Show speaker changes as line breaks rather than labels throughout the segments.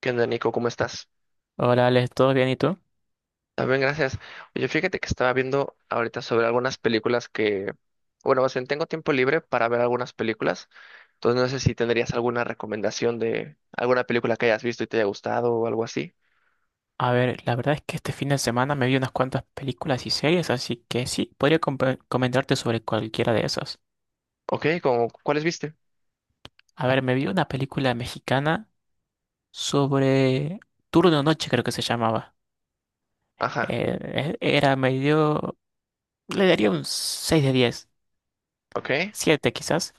¿Qué onda, Nico? ¿Cómo estás?
Hola, Alex, ¿todo bien y tú?
También, gracias. Oye, fíjate que estaba viendo ahorita sobre algunas películas bueno, más bien tengo tiempo libre para ver algunas películas, entonces no sé si tendrías alguna recomendación de alguna película que hayas visto y te haya gustado o algo así.
A ver, la verdad es que este fin de semana me vi unas cuantas películas y series, así que sí, podría comentarte sobre cualquiera de esas.
Ok, como, ¿cuáles viste?
A ver, me vi una película mexicana sobre Turno Noche, creo que se llamaba.
Ajá,
Eh, Era medio... Le daría un 6 de 10,
ok,
7 quizás.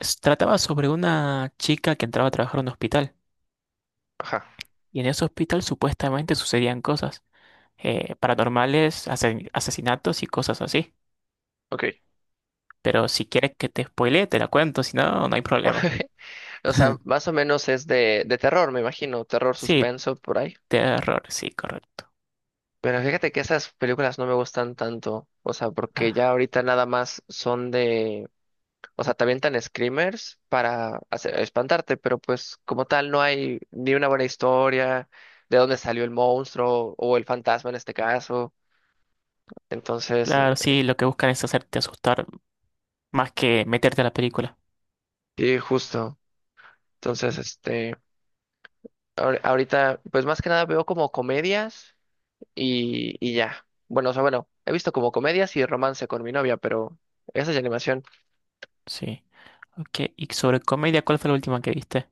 Trataba sobre una chica que entraba a trabajar en un hospital,
ajá,
y en ese hospital supuestamente sucedían cosas paranormales, asesinatos y cosas así.
ok.
Pero si quieres que te spoilee, te la cuento, si no, no hay problema.
O sea, más o menos es de terror, me imagino, terror
Sí,
suspenso por ahí.
terror, sí, correcto.
Pero fíjate que esas películas no me gustan tanto, o sea, porque
Ah,
ya ahorita nada más son de... O sea, te avientan screamers para espantarte, pero pues como tal no hay ni una buena historia de dónde salió el monstruo o el fantasma en este caso. Entonces,
claro, sí, lo que buscan es hacerte asustar más que meterte a la película.
y justo. Entonces, este, ahorita, pues más que nada veo como comedias y ya. Bueno, o sea, bueno, he visto como comedias y romance con mi novia, pero esa es de animación.
Sí. Ok, y sobre comedia, ¿cuál fue la última que viste?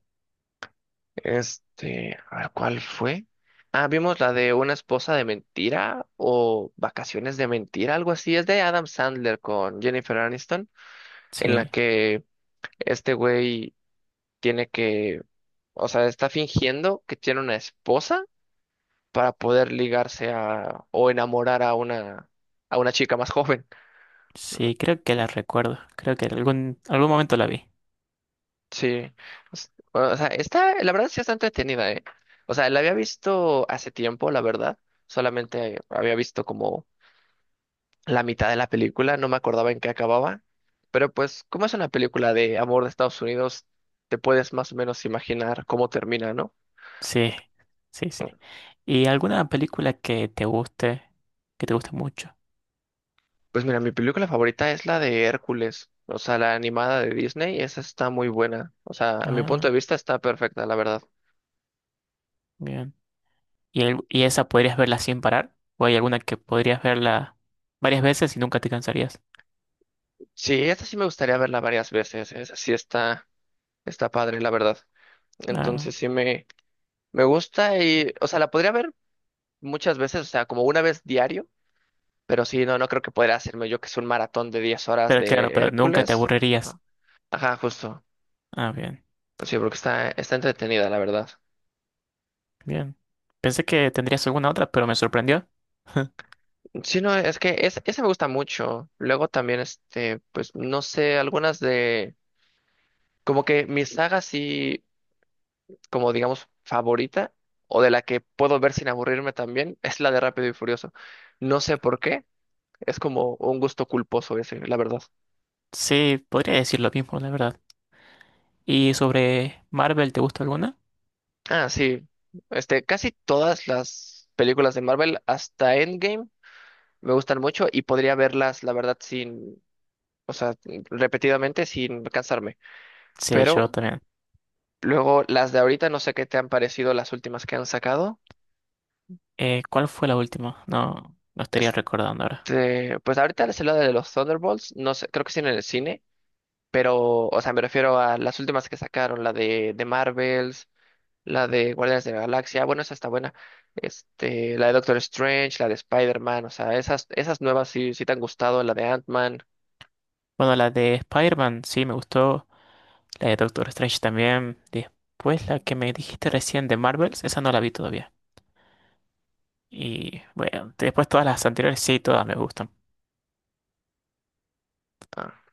Este, a ver, ¿cuál fue? Ah, vimos la de Una esposa de mentira o Vacaciones de mentira, algo así. Es de Adam Sandler con Jennifer Aniston, en la
Sí,
que este güey tiene que, o sea, está fingiendo que tiene una esposa para poder ligarse a o enamorar a una chica más joven.
sí, creo que la recuerdo. Creo que en algún momento la vi.
Sí. O sea, está, la verdad sí está entretenida, ¿eh? O sea, la había visto hace tiempo, la verdad. Solamente había visto como la mitad de la película, no me acordaba en qué acababa, pero pues como es una película de amor de Estados Unidos, te puedes más o menos imaginar cómo termina, ¿no?
Sí, sí, sí. ¿Y alguna película que te guste mucho?
Pues mira, mi película favorita es la de Hércules, o sea, la animada de Disney, esa está muy buena, o sea, a mi punto de
Ah,
vista está perfecta, la verdad.
bien. ¿Y, y esa podrías verla sin parar? ¿O hay alguna que podrías verla varias veces y nunca te cansarías?
Sí, esta sí me gustaría verla varias veces, esa sí está padre, la verdad.
Ah,
Entonces sí me, me gusta y, o sea, la podría ver muchas veces, o sea, como una vez diario. Pero sí, no, no creo que podría hacerme yo que es un maratón de 10 horas
pero claro,
de
pero nunca te
Hércules.
aburrirías.
¿No? Ajá, justo.
Ah, bien,
Pues sí, porque está entretenida, la verdad.
bien. Pensé que tendrías alguna otra, pero me sorprendió.
Sí, no, esa me gusta mucho. Luego también, este, pues no sé, algunas de, como que mi saga sí, como digamos, favorita, o de la que puedo ver sin aburrirme también, es la de Rápido y Furioso. No sé por qué, es como un gusto culposo ese, la verdad.
Sí, podría decir lo mismo, la verdad. ¿Y sobre Marvel, te gusta alguna?
Ah, sí, este, casi todas las películas de Marvel, hasta Endgame me gustan mucho y podría verlas, la verdad, sin, o sea, repetidamente sin cansarme.
Sí, yo
Pero
también.
luego las de ahorita, no sé qué te han parecido las últimas que han sacado.
¿Cuál fue la última? No, no estaría recordando ahora.
Pues ahorita es la de los Thunderbolts, no sé, creo que sí en el cine, pero, o sea, me refiero a las últimas que sacaron, la de Marvels, la de Guardianes de la Galaxia, bueno, esa está buena. Este, la de Doctor Strange, la de Spider-Man, o sea, esas nuevas sí, sí te han gustado, la de Ant-Man.
Bueno, la de Spider-Man sí me gustó. La de Doctor Strange también. Después la que me dijiste recién de Marvels, esa no la vi todavía. Y bueno, después todas las anteriores sí, todas me gustan.
Ah,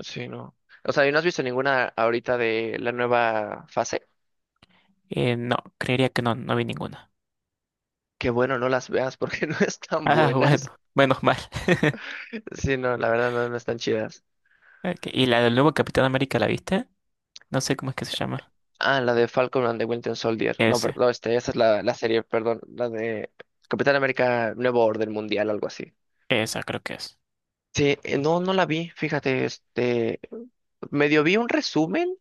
sí, no. O sea, ¿y no has visto ninguna ahorita de la nueva fase?
No, creería que no, no vi ninguna.
Qué bueno, no las veas porque no están
Ah,
buenas.
bueno, menos mal.
Sí, no, la verdad no, no están chidas.
Ok, y la del nuevo Capitán América, ¿la viste? No sé cómo es que se llama.
Ah, la de Falcon and the Winter Soldier. No,
Ese,
perdón, no, este, esa es la serie, perdón, la de Capitán América Nuevo Orden Mundial, algo así.
esa creo que es.
Sí, no, no la vi, fíjate, este, medio vi un resumen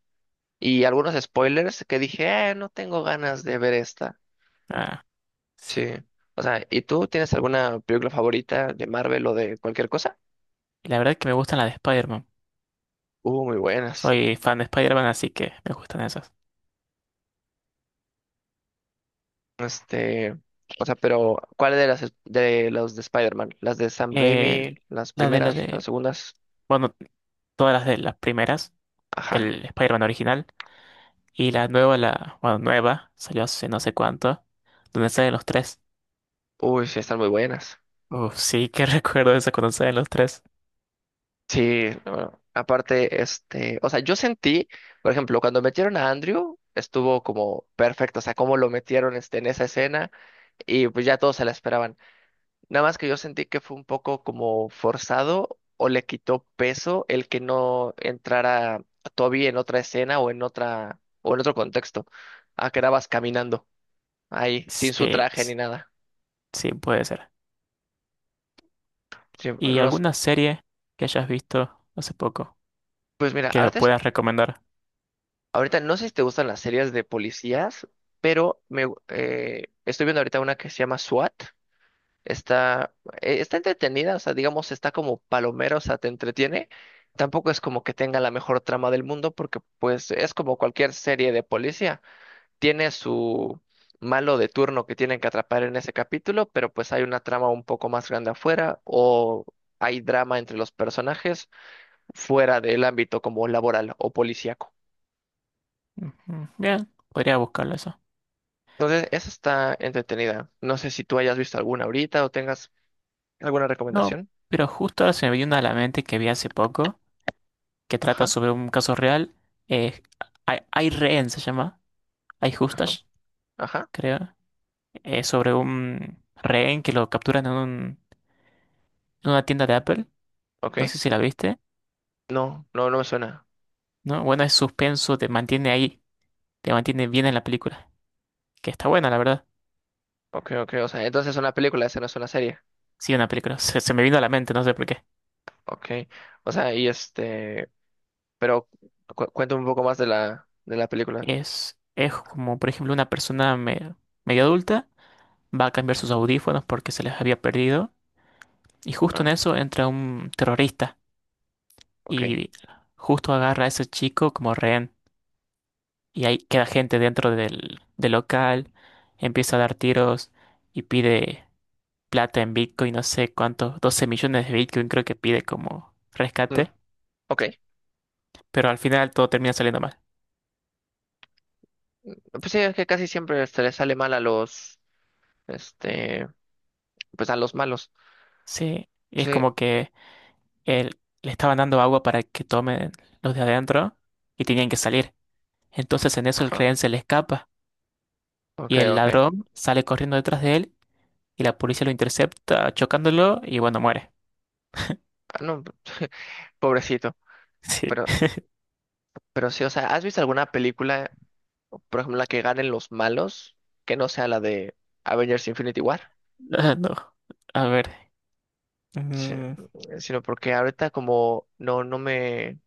y algunos spoilers que dije, no tengo ganas de ver esta.
Ah, sí.
Sí. O sea, ¿y tú tienes alguna película favorita de Marvel o de cualquier cosa?
Y la verdad es que me gustan las de Spider-Man.
Muy buenas.
Soy fan de Spider-Man, así que me gustan esas.
Este, o sea, pero ¿cuáles de las de los de Spider-Man? ¿Las de Sam Raimi?
Eh,
¿Las
la
primeras? ¿Las
de...
segundas?
Bueno, todas las de las primeras.
Ajá.
El Spider-Man original, y la nueva, la, bueno, nueva, salió hace no sé cuánto, donde salen los tres.
Uy, sí, están muy buenas.
Uf, sí, que recuerdo esa cuando salen los tres.
Sí, bueno, aparte, este, o sea, yo sentí, por ejemplo, cuando metieron a Andrew, estuvo como perfecto, o sea, cómo lo metieron este, en esa escena y pues ya todos se la esperaban. Nada más que yo sentí que fue un poco como forzado o le quitó peso el que no entrara Toby en otra escena o en otro contexto. Ah, quedabas caminando ahí, sin su
Sí,
traje ni nada.
sí, puede ser.
Sí,
¿Y
no s-
alguna serie que hayas visto hace poco
pues mira,
que
ahorita,
puedas recomendar?
ahorita no sé si te gustan las series de policías, pero estoy viendo ahorita una que se llama SWAT. Está, está entretenida, o sea, digamos, está como palomero, o sea, te entretiene. Tampoco es como que tenga la mejor trama del mundo, porque pues es como cualquier serie de policía. Tiene su malo de turno que tienen que atrapar en ese capítulo, pero pues hay una trama un poco más grande afuera, o hay drama entre los personajes fuera del ámbito como laboral o policíaco.
Ujú, bien, podría buscarlo eso.
Entonces, esa está entretenida. No sé si tú hayas visto alguna ahorita o tengas alguna
No,
recomendación.
pero justo ahora se me vino una a la mente que vi hace poco, que trata
Ajá,
sobre un caso real. Eh, hay rehén, se llama. Hay
ajá,
justas,
ajá,
creo. Eh, sobre un rehén que lo capturan en un una tienda de Apple. No
ok.
sé si la viste,
No, no, no me suena.
¿no? Bueno, es suspenso, te mantiene ahí, te mantiene bien en la película. Que está buena, la verdad.
Ok, ok, o sea, entonces es una película, esa no es una serie.
Sí, una película. Se me vino a la mente, no sé por qué.
Ok, o sea, y este, pero cuéntame un poco más de de la película.
Es como, por ejemplo, una persona medio adulta va a cambiar sus audífonos porque se les había perdido. Y justo en
Ah,
eso entra un terrorista
ok.
y justo agarra a ese chico como rehén. Y ahí queda gente dentro del local, empieza a dar tiros y pide plata en Bitcoin, no sé cuántos, 12 millones de Bitcoin creo que pide como
Mm,
rescate,
ok.
pero al final todo termina saliendo mal.
Pues sí, es que casi siempre se le sale mal a los, este, pues a los malos.
Sí, y es
Sí,
como que él, le estaban dando agua para que tomen los de adentro y tenían que salir. Entonces en eso el
ajá.
rehén se le escapa
Ok,
y el
ok.
ladrón sale corriendo detrás de él y la policía lo intercepta chocándolo y bueno, muere.
Ah, no, pobrecito.
Sí,
Pero, pero sí, o sea, ¿has visto alguna película, por ejemplo, la que ganen los malos, que no sea la de Avengers Infinity War?
ah, no. A ver.
Sí,
Mm,
sino porque ahorita como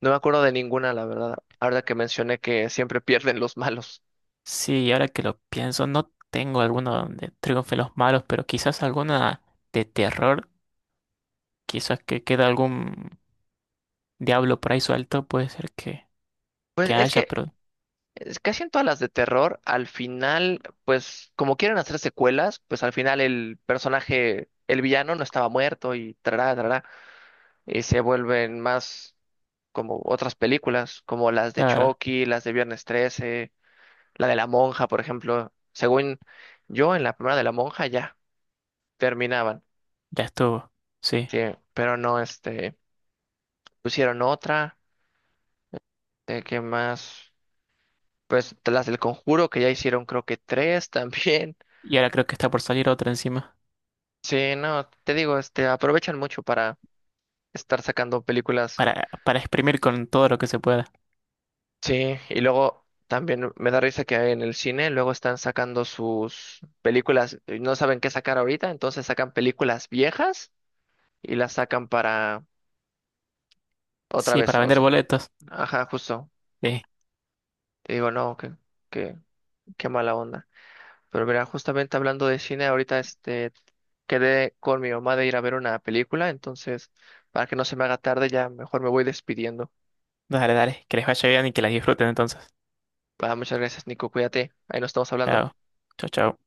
no me acuerdo de ninguna, la verdad. Ahora que mencioné que siempre pierden los malos.
sí, ahora que lo pienso, no tengo alguno donde triunfen los malos, pero quizás alguna de terror. Quizás que queda algún diablo por ahí suelto, puede ser
Pues
que haya, pero
es casi en todas las de terror, al final, pues como quieren hacer secuelas, pues al final el personaje, el villano no estaba muerto y trará, trará, y se vuelven más como otras películas, como las de
claro,
Chucky, las de Viernes 13, la de La Monja, por ejemplo. Según yo, en la primera de La Monja ya terminaban.
ya estuvo. Sí.
Sí, pero no, este, pusieron otra, de que más, pues de las del Conjuro, que ya hicieron creo que tres también.
Y ahora creo que está por salir otra encima.
Sí, no, te digo, este, aprovechan mucho para estar sacando películas.
Para exprimir con todo lo que se pueda.
Sí, y luego también me da risa que en el cine luego están sacando sus películas, y no saben qué sacar ahorita, entonces sacan películas viejas y las sacan para otra
Sí,
vez,
para
o
vender
sea,
boletos.
ajá, justo.
Sí.
Te digo, no, que, qué mala onda. Pero mira, justamente hablando de cine, ahorita este quedé con mi mamá de ir a ver una película, entonces para que no se me haga tarde, ya mejor me voy despidiendo.
Dale, dale. Que les vaya bien y que las disfruten entonces.
Va, muchas gracias, Nico, cuídate, ahí nos estamos hablando.
Chao. Chao, chao.